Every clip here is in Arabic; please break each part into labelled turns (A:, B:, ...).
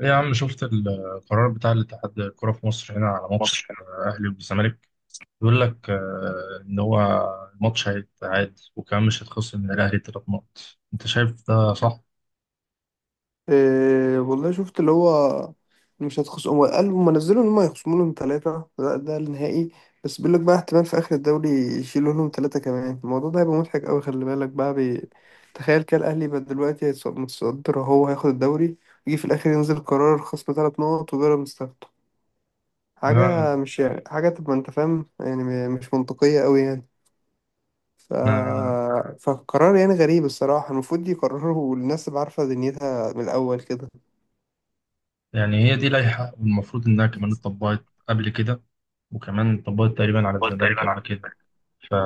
A: ايه يا عم، شفت القرار بتاع الاتحاد الكرة في مصر هنا على ماتش
B: مصر يعني.
A: الأهلي والزمالك؟ بيقول لك إن هو الماتش هيتعاد، وكمان مش هيتخصم من الأهلي تلات نقط. أنت شايف ده صح؟
B: إيه والله شفت اللي هو مش هتخصم. هو قال هم نزلوا ان هم هيخصموا لهم 3. ده النهائي. بس بيقول لك بقى احتمال في اخر الدوري يشيلوا لهم 3 كمان. الموضوع ده هيبقى مضحك قوي. خلي بالك بقى تخيل كده الاهلي بقى دلوقتي متصدر، هو هياخد الدوري، يجي في الاخر ينزل قرار خصم 3 نقط وبيراميدز تاخده.
A: لا.
B: حاجة مش يعني حاجة تبقى انت فاهم، يعني مش منطقية قوي يعني. ف...
A: أنا
B: فقرار يعني غريب الصراحة. المفروض يقرروا الناس اللي عارفة دنيتها من الأول كده.
A: يعني هي دي لائحة، والمفروض إنها كمان اتطبقت قبل كده، وكمان اتطبقت تقريبا على
B: هو
A: الزمالك
B: تقريبا
A: قبل
B: على
A: كده. فا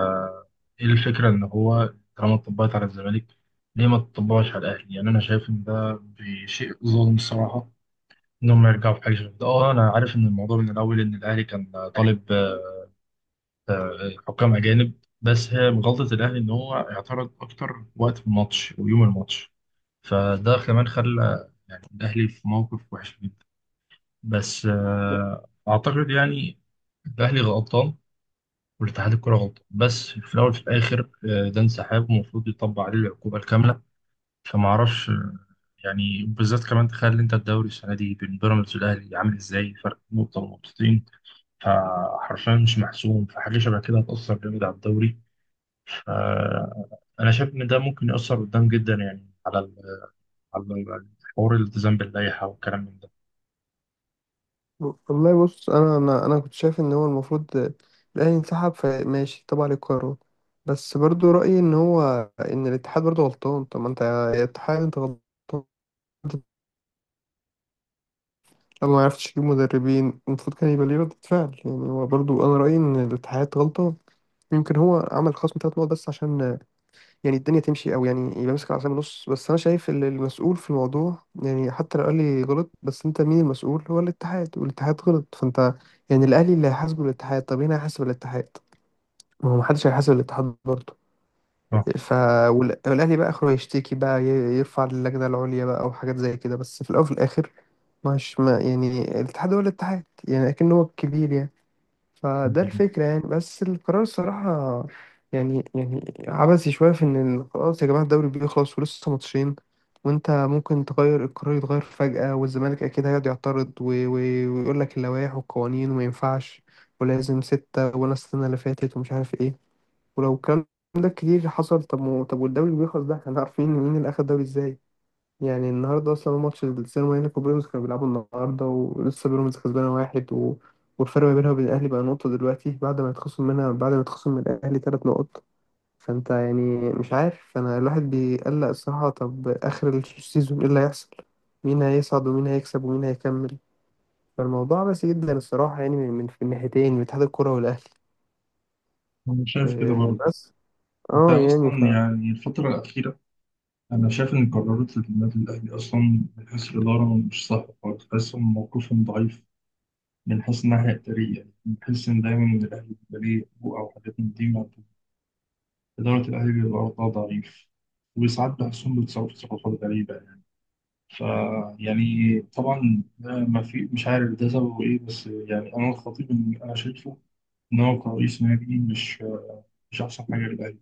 A: إيه الفكرة؟ إن هو طالما اتطبقت على الزمالك، ليه ما تطبقش على الأهلي؟ يعني أنا شايف إن ده بشيء ظلم الصراحة، انهم يرجعوا في حاجه شبه كده. اه، انا عارف ان الموضوع من الاول ان الاهلي كان
B: الأهلي.
A: طالب حكام اجانب، بس هي غلطه الاهلي ان هو اعترض اكتر وقت في الماتش ويوم الماتش. فده كمان خلى يعني الاهلي في موقف وحش جدا. بس
B: لا،
A: اعتقد يعني الاهلي غلطان والاتحاد الكره غلطان، بس في الاول في الاخر ده انسحاب ومفروض يطبق عليه العقوبه الكامله. فما اعرفش يعني بالذات كمان تخيل انت الدوري السنه دي بين بيراميدز والاهلي عامل ازاي، فرق نقطه ونقطتين. فحرفيا مش محسوم، فحاجة شبه كده هتأثر جامد على الدوري. فأنا شايف إن ده ممكن يأثر قدام جدا يعني على على حوار الالتزام باللائحة والكلام من ده.
B: والله بص، انا كنت شايف ان هو المفروض الاهلي انسحب، فماشي تبع للقرار. بس برضو رايي ان هو ان الاتحاد برضو غلطان. طب ما انت يا اتحاد انت غلطان. لو ما عرفتش تجيب مدربين المفروض كان يبقى ليه ردة فعل. يعني هو برضو انا رايي ان الاتحاد غلطان. يمكن هو عمل خصم 3 نقط بس عشان يعني الدنيا تمشي، او يعني يبقى ماسك العصايه من النص. بس انا شايف ان المسؤول في الموضوع، يعني حتى لو الاهلي غلط، بس انت مين المسؤول؟ هو الاتحاد، والاتحاد غلط. فانت يعني الاهلي اللي هيحاسبه الاتحاد، طب مين هيحاسب الاتحاد؟ ما هو محدش هيحاسب الاتحاد برضه.
A: آه.
B: ف والاهلي بقى اخره يشتكي بقى، يرفع للجنه العليا بقى او حاجات زي كده. بس في الاول وفي الاخر مش ما يعني الاتحاد، هو الاتحاد، يعني اكن هو الكبير يعني. فده الفكرة يعني. بس القرار الصراحة يعني يعني عبثي شوية، في إن خلاص يا جماعة الدوري بيخلص ولسه ماتشين وأنت ممكن تغير القرار، يتغير فجأة، والزمالك أكيد هيقعد يعترض ويقول لك اللوائح والقوانين وما ينفعش، ولازم ستة، ولا السنة اللي فاتت ومش عارف إيه. ولو الكلام ده كتير حصل، طب طب والدوري بيخلص، ده احنا عارفين مين اللي أخد الدوري إزاي. يعني النهارده اصلا هو ماتش السينما، هنا في بيراميدز كانوا بيلعبوا النهارده، ولسه بيراميدز كسبانه 1 والفرق ما بينها وبين الاهلي بقى نقطه دلوقتي بعد ما يتخصم منها، بعد ما يتخصم من الاهلي 3 نقط. فانت يعني مش عارف، انا الواحد بيقلق الصراحه. طب اخر السيزون ايه اللي هيحصل؟ مين هيصعد ومين هيكسب ومين هيكمل؟ فالموضوع بس جدا الصراحه، يعني من في الناحيتين، من اتحاد الكره والاهلي.
A: أنا شايف كده
B: مم. آه،
A: برضه.
B: بس
A: أنت
B: اه
A: أصلا
B: يعني ف.
A: يعني الفترة الأخيرة، أنا شايف إن قرارات النادي الأهلي أصلا من حيث الإدارة مش صح خالص، تحسهم موقفهم ضعيف. من حيث الناحية الإدارية يعني بحس إن دايما إن الأهلي بيبقى ليه حقوق أو حاجات من دي. إدارة الأهلي بيبقى برضه ضعيف، وساعات بحسهم بيتصرفوا تصرفات غريبة يعني. ف يعني طبعا ده ما في، مش عارف ده سببه إيه، بس يعني أنا الخطيب إن أنا شايفه إن هو كرئيس نادي مش أحسن حاجة للأهلي.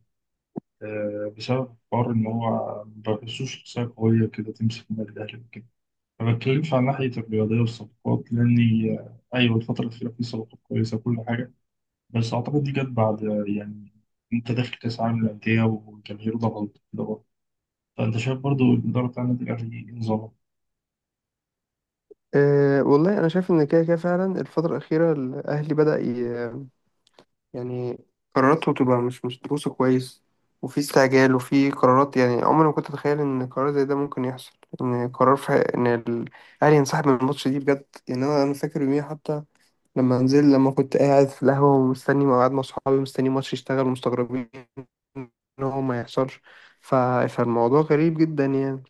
A: بسبب حوار إن هو ما بحسوش شخصية قوية كده تمسك النادي الأهلي وكده. ما بتكلمش عن ناحية الرياضية والصفقات، لأني أيوة الفترة الأخيرة في صفقات كويسة وكل حاجة، بس أعتقد دي جت بعد آه،، يعني أنت داخل كأس عالم للأندية والجماهير ضغط كده. فأنت شايف برضو الإدارة بتاع النادي الأهلي نظامه.
B: آه، والله انا شايف ان كده كده فعلا الفتره الاخيره الاهلي بدأ يعني قراراته بتبقى مش مدروسة كويس، وفي استعجال وفي قرارات. يعني عمري ما كنت أتخيل إن قرار زي ده ممكن يحصل، إن قرار في إن الأهلي ينسحب من الماتش دي بجد. يعني أنا فاكر يوميها حتى، لما نزل، لما كنت قاعد في القهوة ومستني، قاعد مع أصحابي مستني ماتش يشتغل ومستغربين إن هو ما يحصلش. ف... فالموضوع غريب جدا يعني.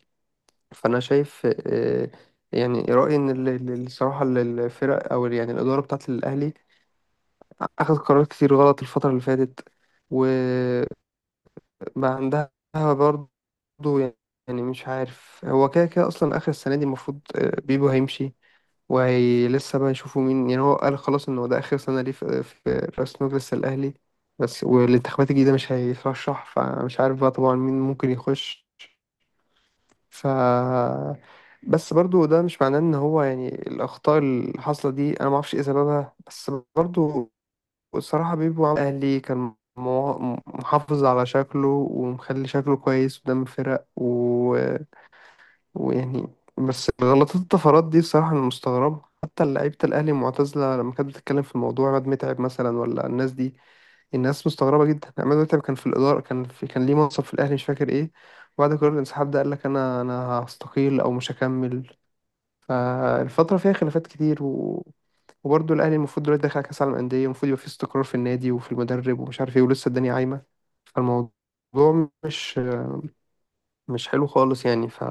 B: فأنا شايف، آه، يعني رأيي إن الصراحة الفرق، أو يعني الإدارة بتاعة الأهلي اخذ قرارات كتير غلط الفترة اللي فاتت، وبقى عندها برضه. يعني مش عارف، هو كده كده اصلا اخر السنة دي المفروض آه، بيبو هيمشي، وهي لسه بقى يشوفوا مين. يعني هو قال خلاص ان هو ده اخر سنة ليه في رئاسة مجلس الاهلي، بس والانتخابات الجديدة مش هيترشح، فمش عارف بقى طبعا مين ممكن يخش. ف، بس برضو ده مش معناه ان هو يعني الاخطاء اللي حاصله دي انا ما اعرفش ايه سببها، بس برضو. والصراحة بيبو عم أهلي كان محافظ على شكله ومخلي شكله كويس قدام الفرق ويعني. بس غلطات الطفرات دي بصراحة أنا مستغربها، حتى لعيبة الأهلي المعتزلة لما كانت بتتكلم في الموضوع، عماد متعب مثلا، ولا الناس دي. الناس مستغربة جدا. عماد متعب كان في الإدارة، كان في، كان ليه منصب في الأهلي مش فاكر إيه. وبعد قرار الانسحاب ده قال لك أنا هستقيل أو مش هكمل. فالفترة فيها خلافات كتير وبرضه الأهلي المفروض دلوقتي داخل على كأس العالم للأندية، المفروض يبقى فيه استقرار في النادي وفي المدرب ومش عارف ايه، ولسه الدنيا عايمة. فالموضوع مش مش حلو خالص يعني. ف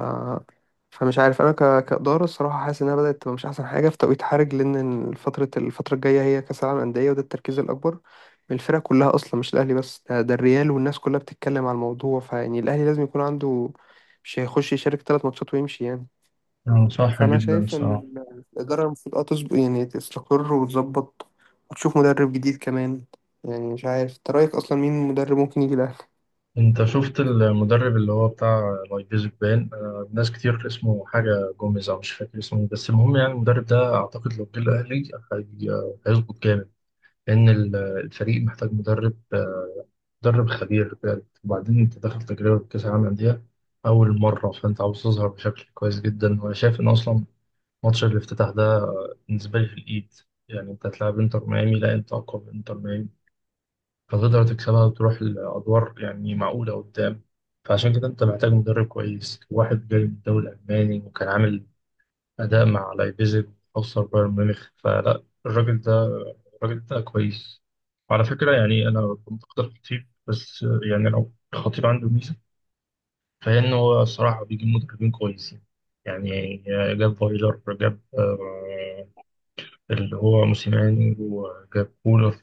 B: فمش عارف أنا كإدارة الصراحة حاسس إنها بدأت تبقى مش أحسن حاجة في توقيت حرج، لأن الفترة الجاية هي كأس العالم للأندية، وده التركيز الأكبر من الفرق كلها أصلا، مش الأهلي بس. ده الريال والناس كلها بتتكلم على الموضوع. فيعني الأهلي لازم يكون عنده، مش هيخش يشارك 3 ماتشات ويمشي يعني.
A: صح
B: فانا
A: جدا
B: شايف ان
A: الصراحة.
B: الاداره المفروض اه تظبط، يعني تستقر وتظبط، وتشوف مدرب جديد كمان. يعني مش عارف انت رايك اصلا مين مدرب ممكن يجي الاهلي.
A: انت شفت المدرب اللي هو بتاع لايبزيج؟ بان ناس كتير اسمه حاجة جوميز، او مش فاكر اسمه إيه، بس المهم يعني المدرب ده اعتقد لو جه الاهلي هيظبط جامد. لان الفريق محتاج مدرب مدرب خبير بجد. وبعدين انت داخل تجربة كأس العالم للأندية اول مرة، فانت عاوز تظهر بشكل كويس جدا. وانا شايف ان اصلا ماتش الافتتاح ده بالنسبة لي في الايد، يعني انت هتلاعب انتر ميامي، لا انت اقوى من انتر ميامي، فتقدر تكسبها وتروح لأدوار يعني معقولة قدام. فعشان كده أنت محتاج مدرب كويس، واحد جاي من الدوري الألماني وكان عامل أداء مع لايبزيج وخسر بايرن ميونخ، فلا الراجل ده كويس. وعلى فكرة يعني أنا كنت أختار خطيب، بس يعني لو الخطيب عنده ميزة فهي إن هو الصراحة بيجيب مدربين كويسين يعني. جاب فايلر، جاب اللي هو موسيماني، وجاب كولر.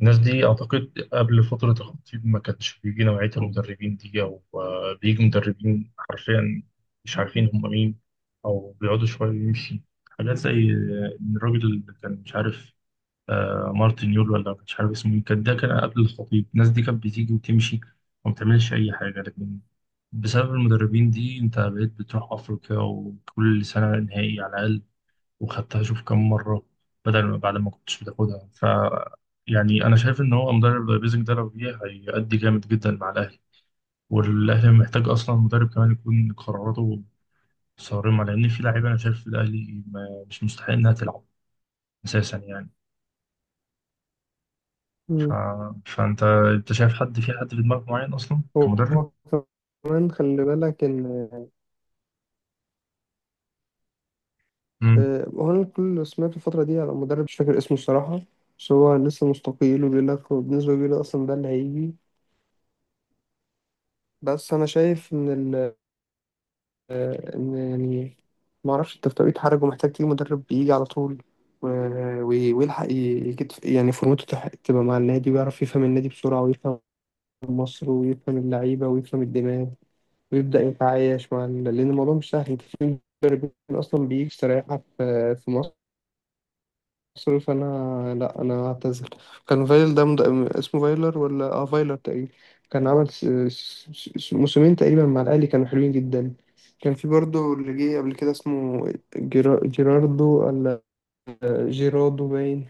A: الناس دي أعتقد قبل فترة الخطيب ما كانش بيجي نوعية المدربين دي، أو بيجي مدربين حرفيا مش عارفين هم مين، أو بيقعدوا شوية ويمشي. حاجات زي إن الراجل اللي كان مش عارف مارتن يول، ولا مش عارف اسمه مين، كان ده كان قبل الخطيب، الناس دي كانت بتيجي وتمشي وما بتعملش أي حاجة. لكن بسبب المدربين دي أنت بقيت بتروح أفريقيا وكل سنة نهائي على الأقل، وخدتها شوف كم مرة، بدل ما بعد ما كنتش بتاخدها. يعني أنا شايف إن هو مدرب زي بيزك ده لو جه هيأدي جامد جدا مع الأهلي. والأهلي محتاج أصلا مدرب كمان يكون قراراته صارمة، لأن في لعيبة أنا شايف في الأهلي ما- مش مستحق إنها تلعب أساسا يعني. ف...
B: مم.
A: فأنت شايف حد في، حد في دماغك معين أصلا
B: هو
A: كمدرب؟
B: هو كمان خلي بالك ان
A: امم
B: آه، هو انا كل اللي سمعته الفترة دي على مدرب مش فاكر اسمه الصراحة، بس هو لسه مستقيل وبيقول لك بالنسبة، بيقول لك اصلا ده اللي هيجي. بس انا شايف ان ال، آه، إن يعني ما أعرفش، أنت في طريقة حرج ومحتاج تجيب مدرب بيجي على طول و- ويلحق يجد يعني فورمته تبقى مع النادي، ويعرف يفهم النادي بسرعة ويفهم مصر ويفهم اللعيبة ويفهم الدماغ ويبدأ يتعايش مع لأن الموضوع مش سهل. أنت في مدربين أصلا بيجي يستريحك في مصر. سوري انا، لا انا هعتذر. كان فايل ده اسمه فايلر، ولا اه فايلر تقريبا. كان عمل موسمين تقريبا مع الاهلي كانوا حلوين جدا. كان في برضه اللي جه قبل كده اسمه جيراردو، ولا جيرادو باين.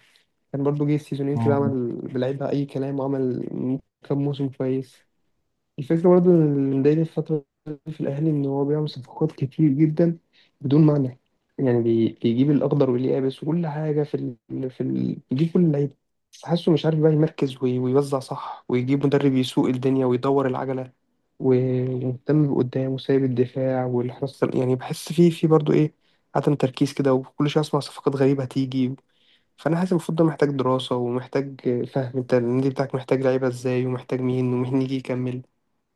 B: كان برضه جه سيزونين كده عمل بلعبها اي كلام، وعمل كام موسم كويس. الفكرة برضه إن اللي مضايقني الفترة دي في الأهلي إن هو بيعمل صفقات كتير جدا بدون معنى. يعني بيجيب الأخضر واليابس وكل حاجة في بيجيب كل اللعيبة. بس حاسه مش عارف بقى يمركز ويوزع صح، ويجيب مدرب يسوق الدنيا ويدور العجلة، و- ومهتم بقدام وسايب الدفاع والحراسة. يعني بحس فيه في برضه إيه، عدم تركيز كده، وكل شوية أسمع صفقات غريبة هتيجي. فأنا حاسس المفروض ده محتاج دراسة ومحتاج فهم، أنت النادي بتاعك محتاج لعيبة إزاي ومحتاج مين، ومين يجي يكمل،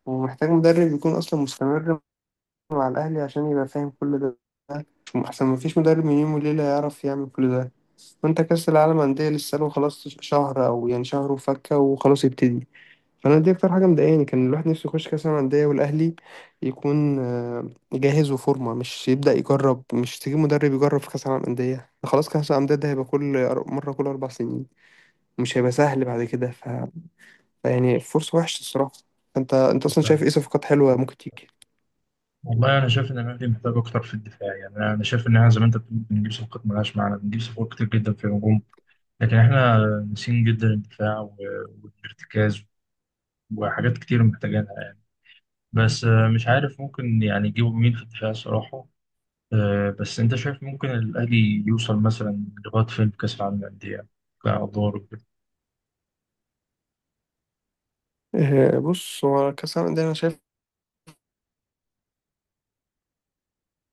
B: ومحتاج مدرب يكون أصلا مستمر مع الأهلي عشان يبقى فاهم كل ده. أحسن مفيش مدرب من يوم وليلة يعرف يعمل كل ده. وأنت كأس العالم أندية لسه له خلاص شهر، أو يعني شهر وفكة وخلاص يبتدي. فأنا دي أكتر حاجة مضايقاني. كان الواحد نفسه يخش كأس العالم أندية والأهلي يكون آه، جاهز وفورمة، مش يبدأ يجرب. مش تجيب مدرب يجرب في كأس العالم أندية. خلاص كأس العالم أندية ده هيبقى مرة كل 4 سنين، مش هيبقى سهل بعد كده. فيعني فرصة وحشة الصراحة. انت اصلا شايف ايه صفقات حلوه ممكن تيجي؟
A: والله انا شايف ان الاهلي محتاج اكتر في الدفاع. يعني انا شايف ان احنا زي ما انت بتقول بنجيب صفقات ملهاش معنى، بنجيب صفقات كتير جدا في الهجوم، لكن احنا ناسيين جدا الدفاع والارتكاز وحاجات كتير محتاجينها يعني. بس مش عارف ممكن يعني يجيبوا مين في الدفاع الصراحة. بس انت شايف ممكن الأهلي يوصل مثلا لغاية فين في كأس العالم للأندية، كأدوار وكده؟
B: آه، بص هو كأس العالم ده أنا شايفه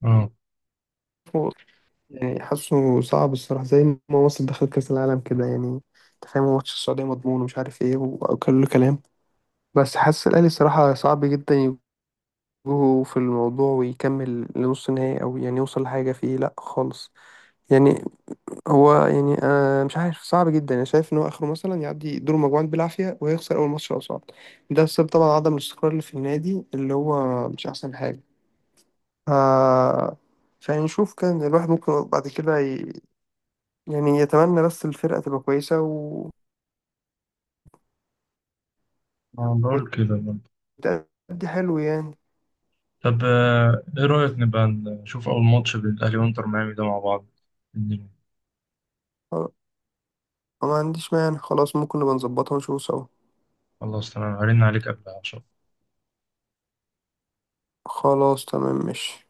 A: اه
B: يعني حاسه صعب الصراحة، زي ما مصر دخلت كأس العالم كده يعني. أنت فاهم هو ماتش السعودية مضمون ومش عارف إيه وكل كلام. بس حاسس الأهلي الصراحة صعب جدا يجوه في الموضوع ويكمل لنص نهائي، أو يعني يوصل لحاجة فيه لأ خالص يعني. هو يعني أنا مش عارف، صعب جدا. أنا شايف إن هو آخره مثلا يعدي دور المجموعات بالعافية ويخسر أول ماتش لو صعد. ده بسبب طبعا عدم الاستقرار اللي في النادي، اللي هو مش أحسن حاجة. آه، فنشوف. كان الواحد ممكن بعد كده يعني يتمنى بس الفرقة تبقى كويسة
A: بقول كده برضه.
B: وتأدي حلو يعني.
A: طب ايه رأيك نبقى نشوف أول ماتش بين الأهلي وإنتر ميامي ده مع بعض؟
B: خلاص، ما عنديش مانع. خلاص ممكن نبقى نظبطها ونشوف سوا.
A: خلاص تمام، هرن عليك قبلها عشان
B: خلاص تمام ماشي.